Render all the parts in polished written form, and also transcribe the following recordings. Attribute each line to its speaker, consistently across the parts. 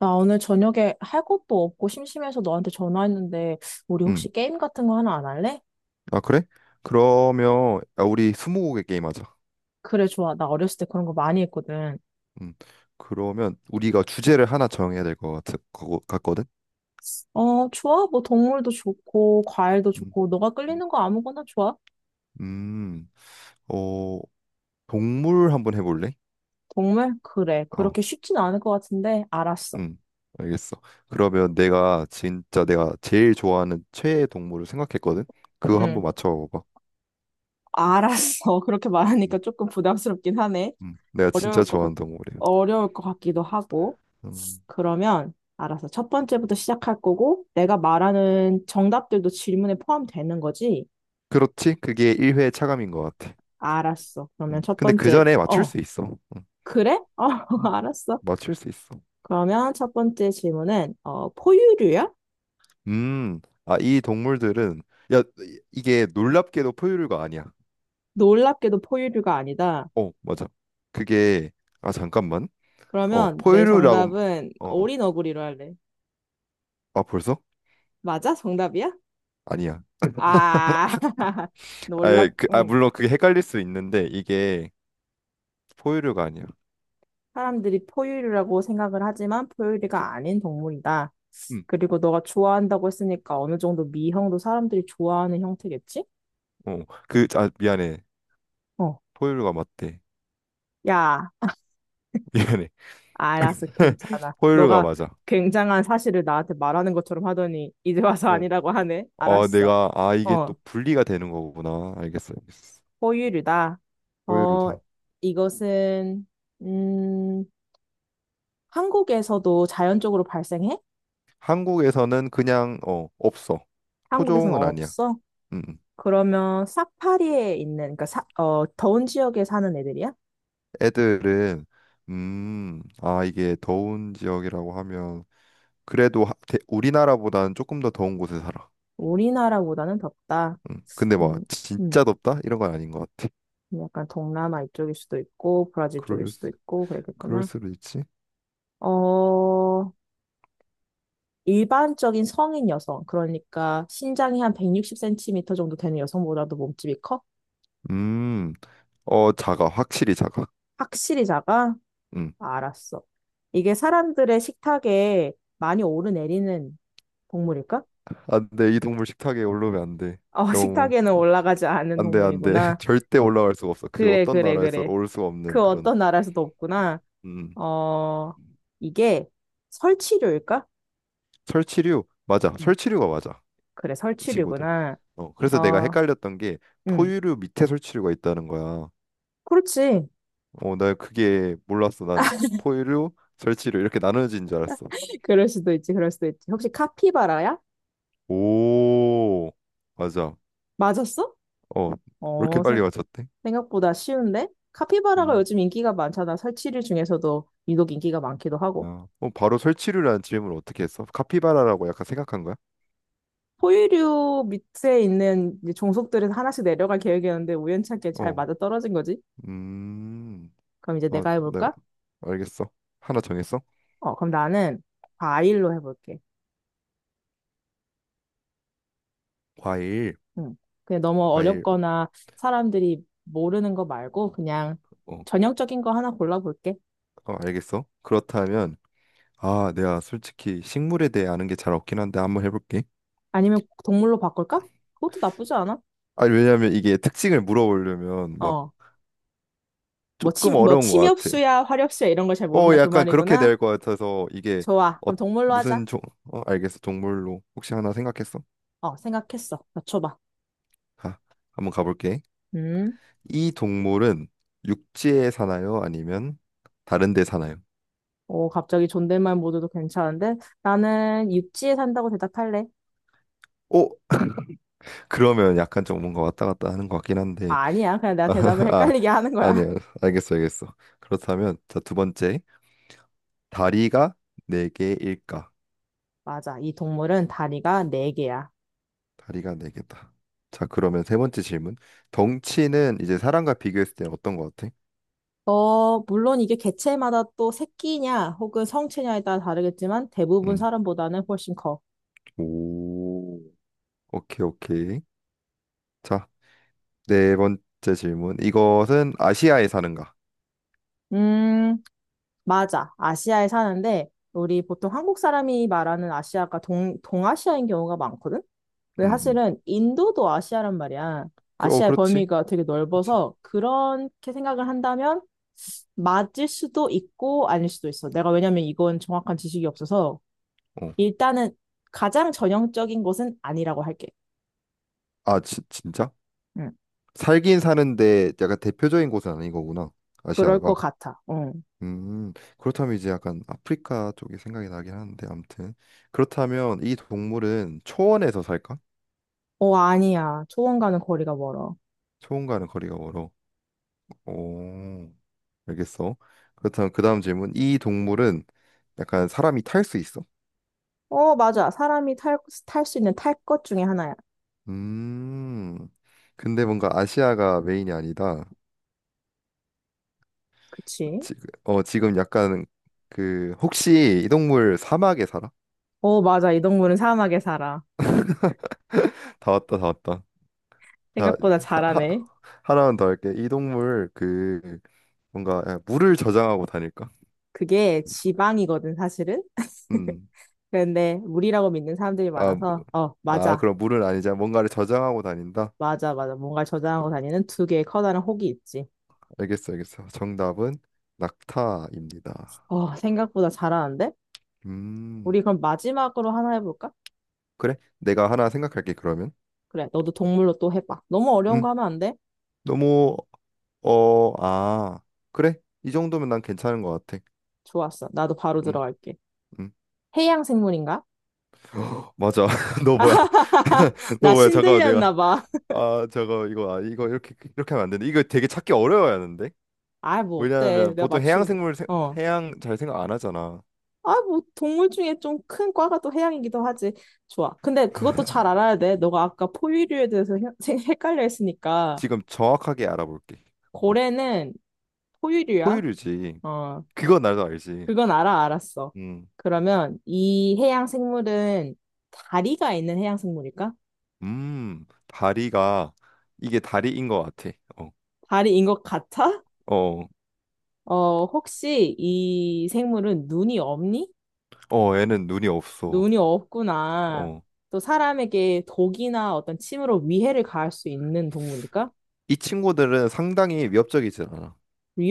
Speaker 1: 나 오늘 저녁에 할 것도 없고 심심해서 너한테 전화했는데, 우리
Speaker 2: 음.
Speaker 1: 혹시 게임 같은 거 하나 안 할래?
Speaker 2: 아, 그래? 그러면 우리 스무고개 게임 하자.
Speaker 1: 그래, 좋아. 나 어렸을 때 그런 거 많이 했거든.
Speaker 2: 음. 그러면 우리가 주제를 하나 정해야 될 것 같거든?
Speaker 1: 어, 좋아. 뭐 동물도 좋고, 과일도
Speaker 2: 음.
Speaker 1: 좋고, 너가 끌리는 거 아무거나 좋아.
Speaker 2: 음. 어, 동물 한번 해볼래?
Speaker 1: 동물? 그래.
Speaker 2: 어.
Speaker 1: 그렇게 쉽진 않을 것 같은데, 알았어.
Speaker 2: 음. 알겠어. 그러면 내가 제일 좋아하는 최애 동물을 생각했거든? 그거 한번
Speaker 1: 응.
Speaker 2: 맞춰봐.
Speaker 1: 알았어. 그렇게 말하니까
Speaker 2: 음.
Speaker 1: 조금 부담스럽긴 하네.
Speaker 2: 음. 내가 진짜
Speaker 1: 어려울 것 같,
Speaker 2: 좋아하는 동물이야.
Speaker 1: 어려울 것 같기도 하고.
Speaker 2: 음.
Speaker 1: 그러면, 알았어. 첫 번째부터 시작할 거고, 내가 말하는 정답들도 질문에 포함되는 거지?
Speaker 2: 그렇지? 그게 1회 차감인 것 같아.
Speaker 1: 알았어. 그러면
Speaker 2: 음.
Speaker 1: 첫
Speaker 2: 근데 그
Speaker 1: 번째,
Speaker 2: 전에 맞출
Speaker 1: 어,
Speaker 2: 수 있어. 음.
Speaker 1: 그래? 어,
Speaker 2: 음.
Speaker 1: 알았어.
Speaker 2: 맞출 수 있어.
Speaker 1: 그러면 첫 번째 질문은, 어, 포유류야?
Speaker 2: 음, 이 동물들은, 야, 이게 놀랍게도 포유류가 아니야.
Speaker 1: 놀랍게도 포유류가 아니다.
Speaker 2: 어, 맞아. 그게, 잠깐만.
Speaker 1: 그러면 내
Speaker 2: 포유류라고,
Speaker 1: 정답은
Speaker 2: 어,
Speaker 1: 어린 어구리로 할래.
Speaker 2: 벌써?
Speaker 1: 맞아? 정답이야?
Speaker 2: 아니야.
Speaker 1: 아, 응.
Speaker 2: 물론 그게 헷갈릴 수 있는데, 이게 포유류가 아니야.
Speaker 1: 사람들이 포유류라고 생각을 하지만
Speaker 2: 주-
Speaker 1: 포유류가 아닌 동물이다.
Speaker 2: 음,
Speaker 1: 그리고 너가 좋아한다고 했으니까 어느 정도 미형도 사람들이 좋아하는 형태겠지?
Speaker 2: 미안해.
Speaker 1: 어.
Speaker 2: 포유류가 맞대.
Speaker 1: 야.
Speaker 2: 미안해.
Speaker 1: 알았어, 괜찮아.
Speaker 2: 포유류가
Speaker 1: 너가
Speaker 2: 맞아.
Speaker 1: 굉장한 사실을 나한테 말하는 것처럼 하더니 이제 와서
Speaker 2: 어,
Speaker 1: 아니라고 하네. 알았어.
Speaker 2: 이게
Speaker 1: 어,
Speaker 2: 또 분리가 되는 거구나. 알겠어, 알겠어.
Speaker 1: 포유류다. 어,
Speaker 2: 포유류다.
Speaker 1: 이것은 음, 한국에서도 자연적으로 발생해?
Speaker 2: 한국에서는 없어.
Speaker 1: 한국에서는
Speaker 2: 토종은 아니야.
Speaker 1: 없어?
Speaker 2: 음, 음.
Speaker 1: 그러면 사파리에 있는 그러니까 어, 더운 지역에 사는 애들이야?
Speaker 2: 애들은 이게 더운 지역이라고 하면 그래도 우리나라보다는 조금 더 더운 곳에 살아.
Speaker 1: 우리나라보다는 덥다.
Speaker 2: 근데 막
Speaker 1: 음, 음,
Speaker 2: 진짜 덥다 이런 건 아닌 것 같아.
Speaker 1: 약간 동남아 이쪽일 수도 있고 브라질 쪽일
Speaker 2: 그럴
Speaker 1: 수도
Speaker 2: 수-
Speaker 1: 있고
Speaker 2: 그럴
Speaker 1: 그랬겠구나.
Speaker 2: 수도 있지.
Speaker 1: 어, 일반적인 성인 여성, 그러니까 신장이 한 160cm 정도 되는 여성보다도 몸집이 커?
Speaker 2: 음, 작아 확실히 작아.
Speaker 1: 확실히 작아?
Speaker 2: 음,
Speaker 1: 알았어. 이게 사람들의 식탁에 많이 오르내리는 동물일까?
Speaker 2: 안돼 이 동물 식탁에 올라오면 안 돼.
Speaker 1: 어,
Speaker 2: 너무
Speaker 1: 식탁에는 올라가지 않는
Speaker 2: 안돼 안 돼.
Speaker 1: 동물이구나.
Speaker 2: 절대 올라갈 수가 없어. 그
Speaker 1: 그래,
Speaker 2: 어떤
Speaker 1: 그래,
Speaker 2: 나라에서
Speaker 1: 그래.
Speaker 2: 올 수가 없는
Speaker 1: 그
Speaker 2: 그런
Speaker 1: 어떤 나라에서도 없구나.
Speaker 2: 음
Speaker 1: 어, 이게 설치류일까?
Speaker 2: 설치류 맞아
Speaker 1: 음,
Speaker 2: 설치류가 맞아.
Speaker 1: 그래,
Speaker 2: 이 친구들.
Speaker 1: 설치류구나.
Speaker 2: 어, 그래서 내가
Speaker 1: 어,
Speaker 2: 헷갈렸던 게
Speaker 1: 음,
Speaker 2: 포유류 밑에 설치류가 있다는 거야.
Speaker 1: 그렇지.
Speaker 2: 어, 나 그게 몰랐어. 난 포유류, 설치류 이렇게 나눠진 줄 알았어.
Speaker 1: 그럴 수도 있지, 그럴 수도 있지. 혹시 카피바라야?
Speaker 2: 오, 맞아.
Speaker 1: 맞았어?
Speaker 2: 어, 왜 이렇게
Speaker 1: 어,
Speaker 2: 빨리 맞췄대?
Speaker 1: 생각보다 쉬운데? 카피바라가
Speaker 2: 음,
Speaker 1: 요즘 인기가 많잖아. 설치류 중에서도 유독 인기가 많기도 하고.
Speaker 2: 바로 설치류라는 질문을 어떻게 했어? 카피바라라고 약간 생각한 거야?
Speaker 1: 포유류 밑에 있는 이제 종속들에서 하나씩 내려갈 계획이었는데 우연찮게 잘
Speaker 2: 어,
Speaker 1: 맞아 떨어진 거지?
Speaker 2: 음,
Speaker 1: 그럼 이제
Speaker 2: 아,
Speaker 1: 내가
Speaker 2: 네,
Speaker 1: 해볼까?
Speaker 2: 알겠어. 하나 정했어?
Speaker 1: 어, 그럼 나는 과일로 해볼게.
Speaker 2: 과일,
Speaker 1: 응. 그냥 너무
Speaker 2: 과일,
Speaker 1: 어렵거나 사람들이 모르는 거 말고 그냥
Speaker 2: 어,
Speaker 1: 전형적인 거 하나 골라볼게.
Speaker 2: 어, 알겠어. 그렇다면 아, 내가 솔직히 식물에 대해 아는 게 잘 없긴 한데 한번 해볼게.
Speaker 1: 아니면 동물로 바꿀까? 그것도 나쁘지 않아.
Speaker 2: 아니, 왜냐면 이게 특징을 물어보려면 막
Speaker 1: 어,
Speaker 2: 조금
Speaker 1: 뭐
Speaker 2: 어려운 것 같아.
Speaker 1: 침엽수야, 화렵수야 이런 걸 잘
Speaker 2: 어,
Speaker 1: 모른다 그
Speaker 2: 약간 그렇게
Speaker 1: 말이구나.
Speaker 2: 될 것 같아서 이게
Speaker 1: 좋아.
Speaker 2: 어,
Speaker 1: 그럼 동물로 하자.
Speaker 2: 무슨 종, 어, 알겠어. 동물로 혹시 하나 생각했어?
Speaker 1: 어, 생각했어. 맞춰봐.
Speaker 2: 아, 한번 가볼게.
Speaker 1: 음.
Speaker 2: 이 동물은 육지에 사나요? 아니면 다른 데 사나요?
Speaker 1: 오, 갑자기 존댓말 모드도 괜찮은데? 나는 육지에 산다고 대답할래.
Speaker 2: 오! 그러면 약간 좀 뭔가 왔다 갔다 하는 것 같긴
Speaker 1: 아,
Speaker 2: 한데.
Speaker 1: 아니야. 그냥 내가 대답을
Speaker 2: 아,
Speaker 1: 헷갈리게 하는
Speaker 2: 아니야.
Speaker 1: 거야.
Speaker 2: 알겠어, 알겠어. 그렇다면 자, 두 번째. 다리가 네 개일까?
Speaker 1: 맞아. 이 동물은 다리가 네개야.
Speaker 2: 다리가 네 개다. 자, 그러면 세 번째 질문. 덩치는 이제 사람과 비교했을 때는 어떤 것 같아?
Speaker 1: 어, 물론 이게 개체마다 또 새끼냐 혹은 성체냐에 따라 다르겠지만 대부분
Speaker 2: 음.
Speaker 1: 사람보다는 훨씬 커.
Speaker 2: 오. 오케이, 오케이. 자, 네 번째 질문. 이것은 아시아에 사는가?
Speaker 1: 음, 맞아. 아시아에 사는데 우리 보통 한국 사람이 말하는 아시아가 동아시아인 경우가 많거든? 근데
Speaker 2: 음. 음.
Speaker 1: 사실은 인도도 아시아란 말이야. 아시아의
Speaker 2: 그렇지.
Speaker 1: 범위가 되게
Speaker 2: 그렇지.
Speaker 1: 넓어서 그렇게 생각을 한다면 맞을 수도 있고 아닐 수도 있어. 내가 왜냐면 이건 정확한 지식이 없어서
Speaker 2: 어.
Speaker 1: 일단은 가장 전형적인 것은 아니라고 할게.
Speaker 2: 아, 진짜?
Speaker 1: 응,
Speaker 2: 살긴 사는데 약간 대표적인 곳은 아닌 거구나.
Speaker 1: 그럴 것
Speaker 2: 아시아가.
Speaker 1: 같아. 응.
Speaker 2: 음. 그렇다면 이제 약간 아프리카 쪽이 생각이 나긴 하는데 아무튼. 그렇다면 이 동물은 초원에서 살까?
Speaker 1: 어, 아니야. 초원과는 거리가 멀어.
Speaker 2: 초원과는 거리가 멀어. 오, 알겠어. 그렇다면 그 다음 질문. 이 동물은 약간 사람이 탈 수 있어?
Speaker 1: 어, 맞아. 사람이 탈 수 있는 탈 것 중에 하나야.
Speaker 2: 음, 근데 뭔가 아시아가 메인이 아니다.
Speaker 1: 그치?
Speaker 2: 지금 약간 그 혹시 이 동물 사막에 살아?
Speaker 1: 어, 맞아. 이 동물은 사막에 살아.
Speaker 2: 다 왔다, 다 왔다. 자,
Speaker 1: 생각보다
Speaker 2: 하, 하,
Speaker 1: 잘하네.
Speaker 2: 하나만 더 할게. 이 동물 그 뭔가 물을 저장하고 다닐까?
Speaker 1: 그게 지방이거든, 사실은.
Speaker 2: 음,
Speaker 1: 근데 물이라고 믿는 사람들이
Speaker 2: 아,
Speaker 1: 많아서, 어, 맞아.
Speaker 2: 그럼 물은 아니자 뭔가를 저장하고 다닌다.
Speaker 1: 맞아, 맞아. 뭔가 저장하고 다니는 두 개의 커다란 혹이 있지.
Speaker 2: 알겠어, 알겠어. 정답은 낙타입니다.
Speaker 1: 어, 생각보다 잘하는데?
Speaker 2: 음,
Speaker 1: 우리 그럼 마지막으로 하나 해볼까?
Speaker 2: 그래. 내가 하나 생각할게, 그러면.
Speaker 1: 그래, 너도 동물로 또 해봐. 너무 어려운
Speaker 2: 음,
Speaker 1: 거 하면 안 돼?
Speaker 2: 너무, 어, 아, 그래. 이 정도면 난 괜찮은 것 같아.
Speaker 1: 좋았어. 나도 바로
Speaker 2: 음,
Speaker 1: 들어갈게.
Speaker 2: 음,
Speaker 1: 해양 생물인가?
Speaker 2: 맞아. 너 뭐야? 너
Speaker 1: 나
Speaker 2: 뭐야? 잠깐만, 내가.
Speaker 1: 신들렸나 봐.
Speaker 2: 이거 이렇게, 이렇게 하면 안 되는데. 이거 되게 찾기 어려워야 하는데?
Speaker 1: 아, 뭐 어때?
Speaker 2: 왜냐하면
Speaker 1: 내가
Speaker 2: 보통
Speaker 1: 맞추면 돼. 어.
Speaker 2: 해양 잘 생각 안 하잖아.
Speaker 1: 아, 뭐 동물 중에 좀 큰 과가 또 해양이기도 하지. 좋아. 근데 그것도 잘 알아야 돼. 너가 아까 포유류에 대해서 헷갈려 했으니까
Speaker 2: 지금 정확하게 알아볼게. 어,
Speaker 1: 고래는 포유류야?
Speaker 2: 포유류지.
Speaker 1: 어,
Speaker 2: 그건 나도 알지.
Speaker 1: 그건 알아, 알았어.
Speaker 2: 음,
Speaker 1: 그러면 이 해양 생물은 다리가 있는 해양 생물일까?
Speaker 2: 다리가, 이게 다리인 것 같아. 어.
Speaker 1: 다리인 것 같아?
Speaker 2: 어
Speaker 1: 어, 혹시 이 생물은 눈이 없니?
Speaker 2: 어, 애는 눈이 없어.
Speaker 1: 눈이 없구나.
Speaker 2: 어.
Speaker 1: 또 사람에게 독이나 어떤 침으로 위해를 가할 수 있는 동물일까?
Speaker 2: 이 친구들은 상당히 위협적이지 않아.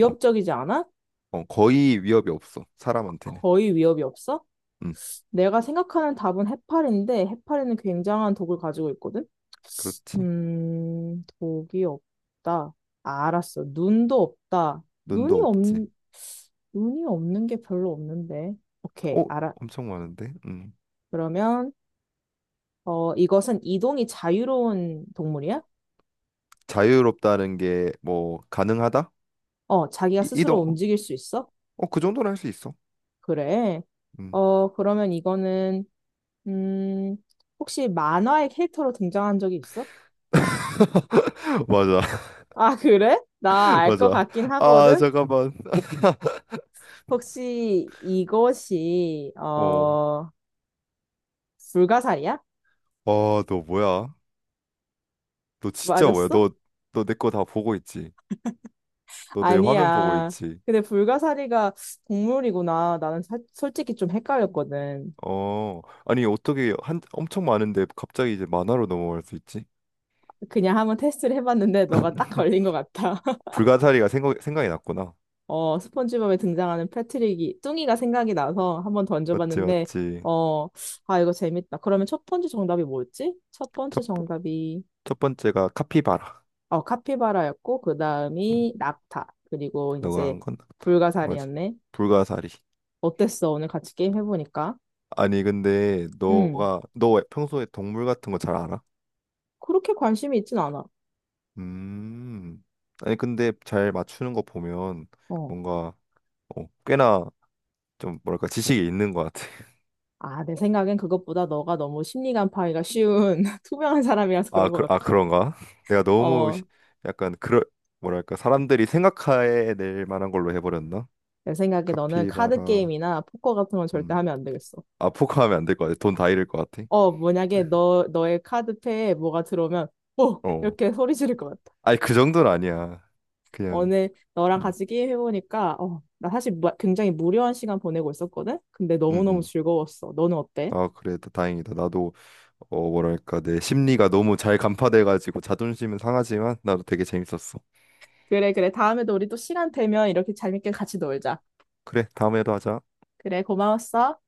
Speaker 2: 어,
Speaker 1: 않아?
Speaker 2: 어, 거의 위협이 없어. 사람한테는.
Speaker 1: 거의 위협이 없어?
Speaker 2: 음,
Speaker 1: 내가 생각하는 답은 해파리인데 해파리는 굉장한 독을 가지고 있거든?
Speaker 2: 그렇지.
Speaker 1: 독이 없다. 아, 알았어. 눈도 없다. 눈이
Speaker 2: 눈도
Speaker 1: 없,
Speaker 2: 없지.
Speaker 1: 눈이 없는 게 별로 없는데. 오케이,
Speaker 2: 어,
Speaker 1: 알아.
Speaker 2: 엄청 많은데. 음.
Speaker 1: 그러면, 어, 이것은 이동이 자유로운 동물이야?
Speaker 2: 자유롭다는 게 뭐 가능하다?
Speaker 1: 어, 자기가 스스로
Speaker 2: 이동.
Speaker 1: 움직일 수 있어?
Speaker 2: 어, 그 정도는 할 수 있어.
Speaker 1: 그래.
Speaker 2: 음.
Speaker 1: 어, 그러면 이거는, 음, 혹시 만화의 캐릭터로 등장한 적이 있어?
Speaker 2: 맞아.
Speaker 1: 아, 그래? 나 알 것
Speaker 2: 맞아.
Speaker 1: 같긴
Speaker 2: 아,
Speaker 1: 하거든?
Speaker 2: 잠깐만.
Speaker 1: 혹시 이것이,
Speaker 2: 어.
Speaker 1: 어, 불가사리야?
Speaker 2: 아, 너 뭐야? 너 진짜 뭐야?
Speaker 1: 맞았어?
Speaker 2: 너 내 거 다 보고 있지? 너 내 화면 보고
Speaker 1: 아니야.
Speaker 2: 있지?
Speaker 1: 근데 불가사리가 동물이구나. 나는 솔직히 좀 헷갈렸거든.
Speaker 2: 어, 아니 어떻게 한 엄청 많은데 갑자기 이제 만화로 넘어갈 수 있지?
Speaker 1: 그냥 한번 테스트를 해봤는데 너가 딱 걸린 것 같아.
Speaker 2: 불가사리가 생각이 났구나.
Speaker 1: 어, 스폰지밥에 등장하는 패트릭이 뚱이가 생각이 나서 한번
Speaker 2: 맞지,
Speaker 1: 던져봤는데
Speaker 2: 맞지.
Speaker 1: 어, 아 이거 재밌다. 그러면 첫 번째 정답이 뭐였지? 첫 번째
Speaker 2: 첫, 번-
Speaker 1: 정답이
Speaker 2: 첫 번째가 카피바라.
Speaker 1: 어 카피바라였고 그
Speaker 2: 응,
Speaker 1: 다음이 낙타 그리고
Speaker 2: 너가
Speaker 1: 이제
Speaker 2: 한 건 같다. 맞아.
Speaker 1: 불가사리였네.
Speaker 2: 불가사리.
Speaker 1: 어땠어? 오늘 같이 게임 해보니까?
Speaker 2: 아니 근데
Speaker 1: 음,
Speaker 2: 너가 너 평소에 동물 같은 거 잘 알아?
Speaker 1: 그렇게 관심이 있진 않아.
Speaker 2: 음. 아니 근데 잘 맞추는 거 보면
Speaker 1: 어.
Speaker 2: 뭔가 꽤나 좀 뭐랄까 지식이 있는 것 같아.
Speaker 1: 아, 내 생각엔 그것보다 너가 너무 심리 간파하기가 쉬운 투명한 사람이라서 그런 것
Speaker 2: 아
Speaker 1: 같고.
Speaker 2: 그런가? 내가
Speaker 1: 어,
Speaker 2: 약간 그럴 뭐랄까 사람들이 생각해 낼 만한 걸로 해버렸나?
Speaker 1: 내 생각에 너는 카드
Speaker 2: 카피바라
Speaker 1: 게임이나 포커 같은 건 절대
Speaker 2: 음.
Speaker 1: 하면 안 되겠어.
Speaker 2: 아 포커하면 안 될 것 같아. 돈 다 잃을 것 같아.
Speaker 1: 어, 만약에 너의 카드패에 뭐가 들어오면, 어!
Speaker 2: 어.
Speaker 1: 이렇게 소리 지를 것 같아.
Speaker 2: 아니 그 정도는 아니야. 그냥
Speaker 1: 오늘 너랑
Speaker 2: 음.
Speaker 1: 같이 게임 해보니까, 어, 나 사실 굉장히 무료한 시간 보내고 있었거든? 근데
Speaker 2: 음,
Speaker 1: 너무너무
Speaker 2: 음.
Speaker 1: 즐거웠어. 너는 어때?
Speaker 2: 아 그래 다행이다. 나도 뭐랄까 내 심리가 너무 잘 간파돼 가지고 자존심은 상하지만 나도 되게 재밌었어.
Speaker 1: 그래, 그래. 다음에도 우리 또 시간 되면 이렇게 재밌게 같이 놀자.
Speaker 2: 그래 다음에도 하자.
Speaker 1: 그래, 고마웠어.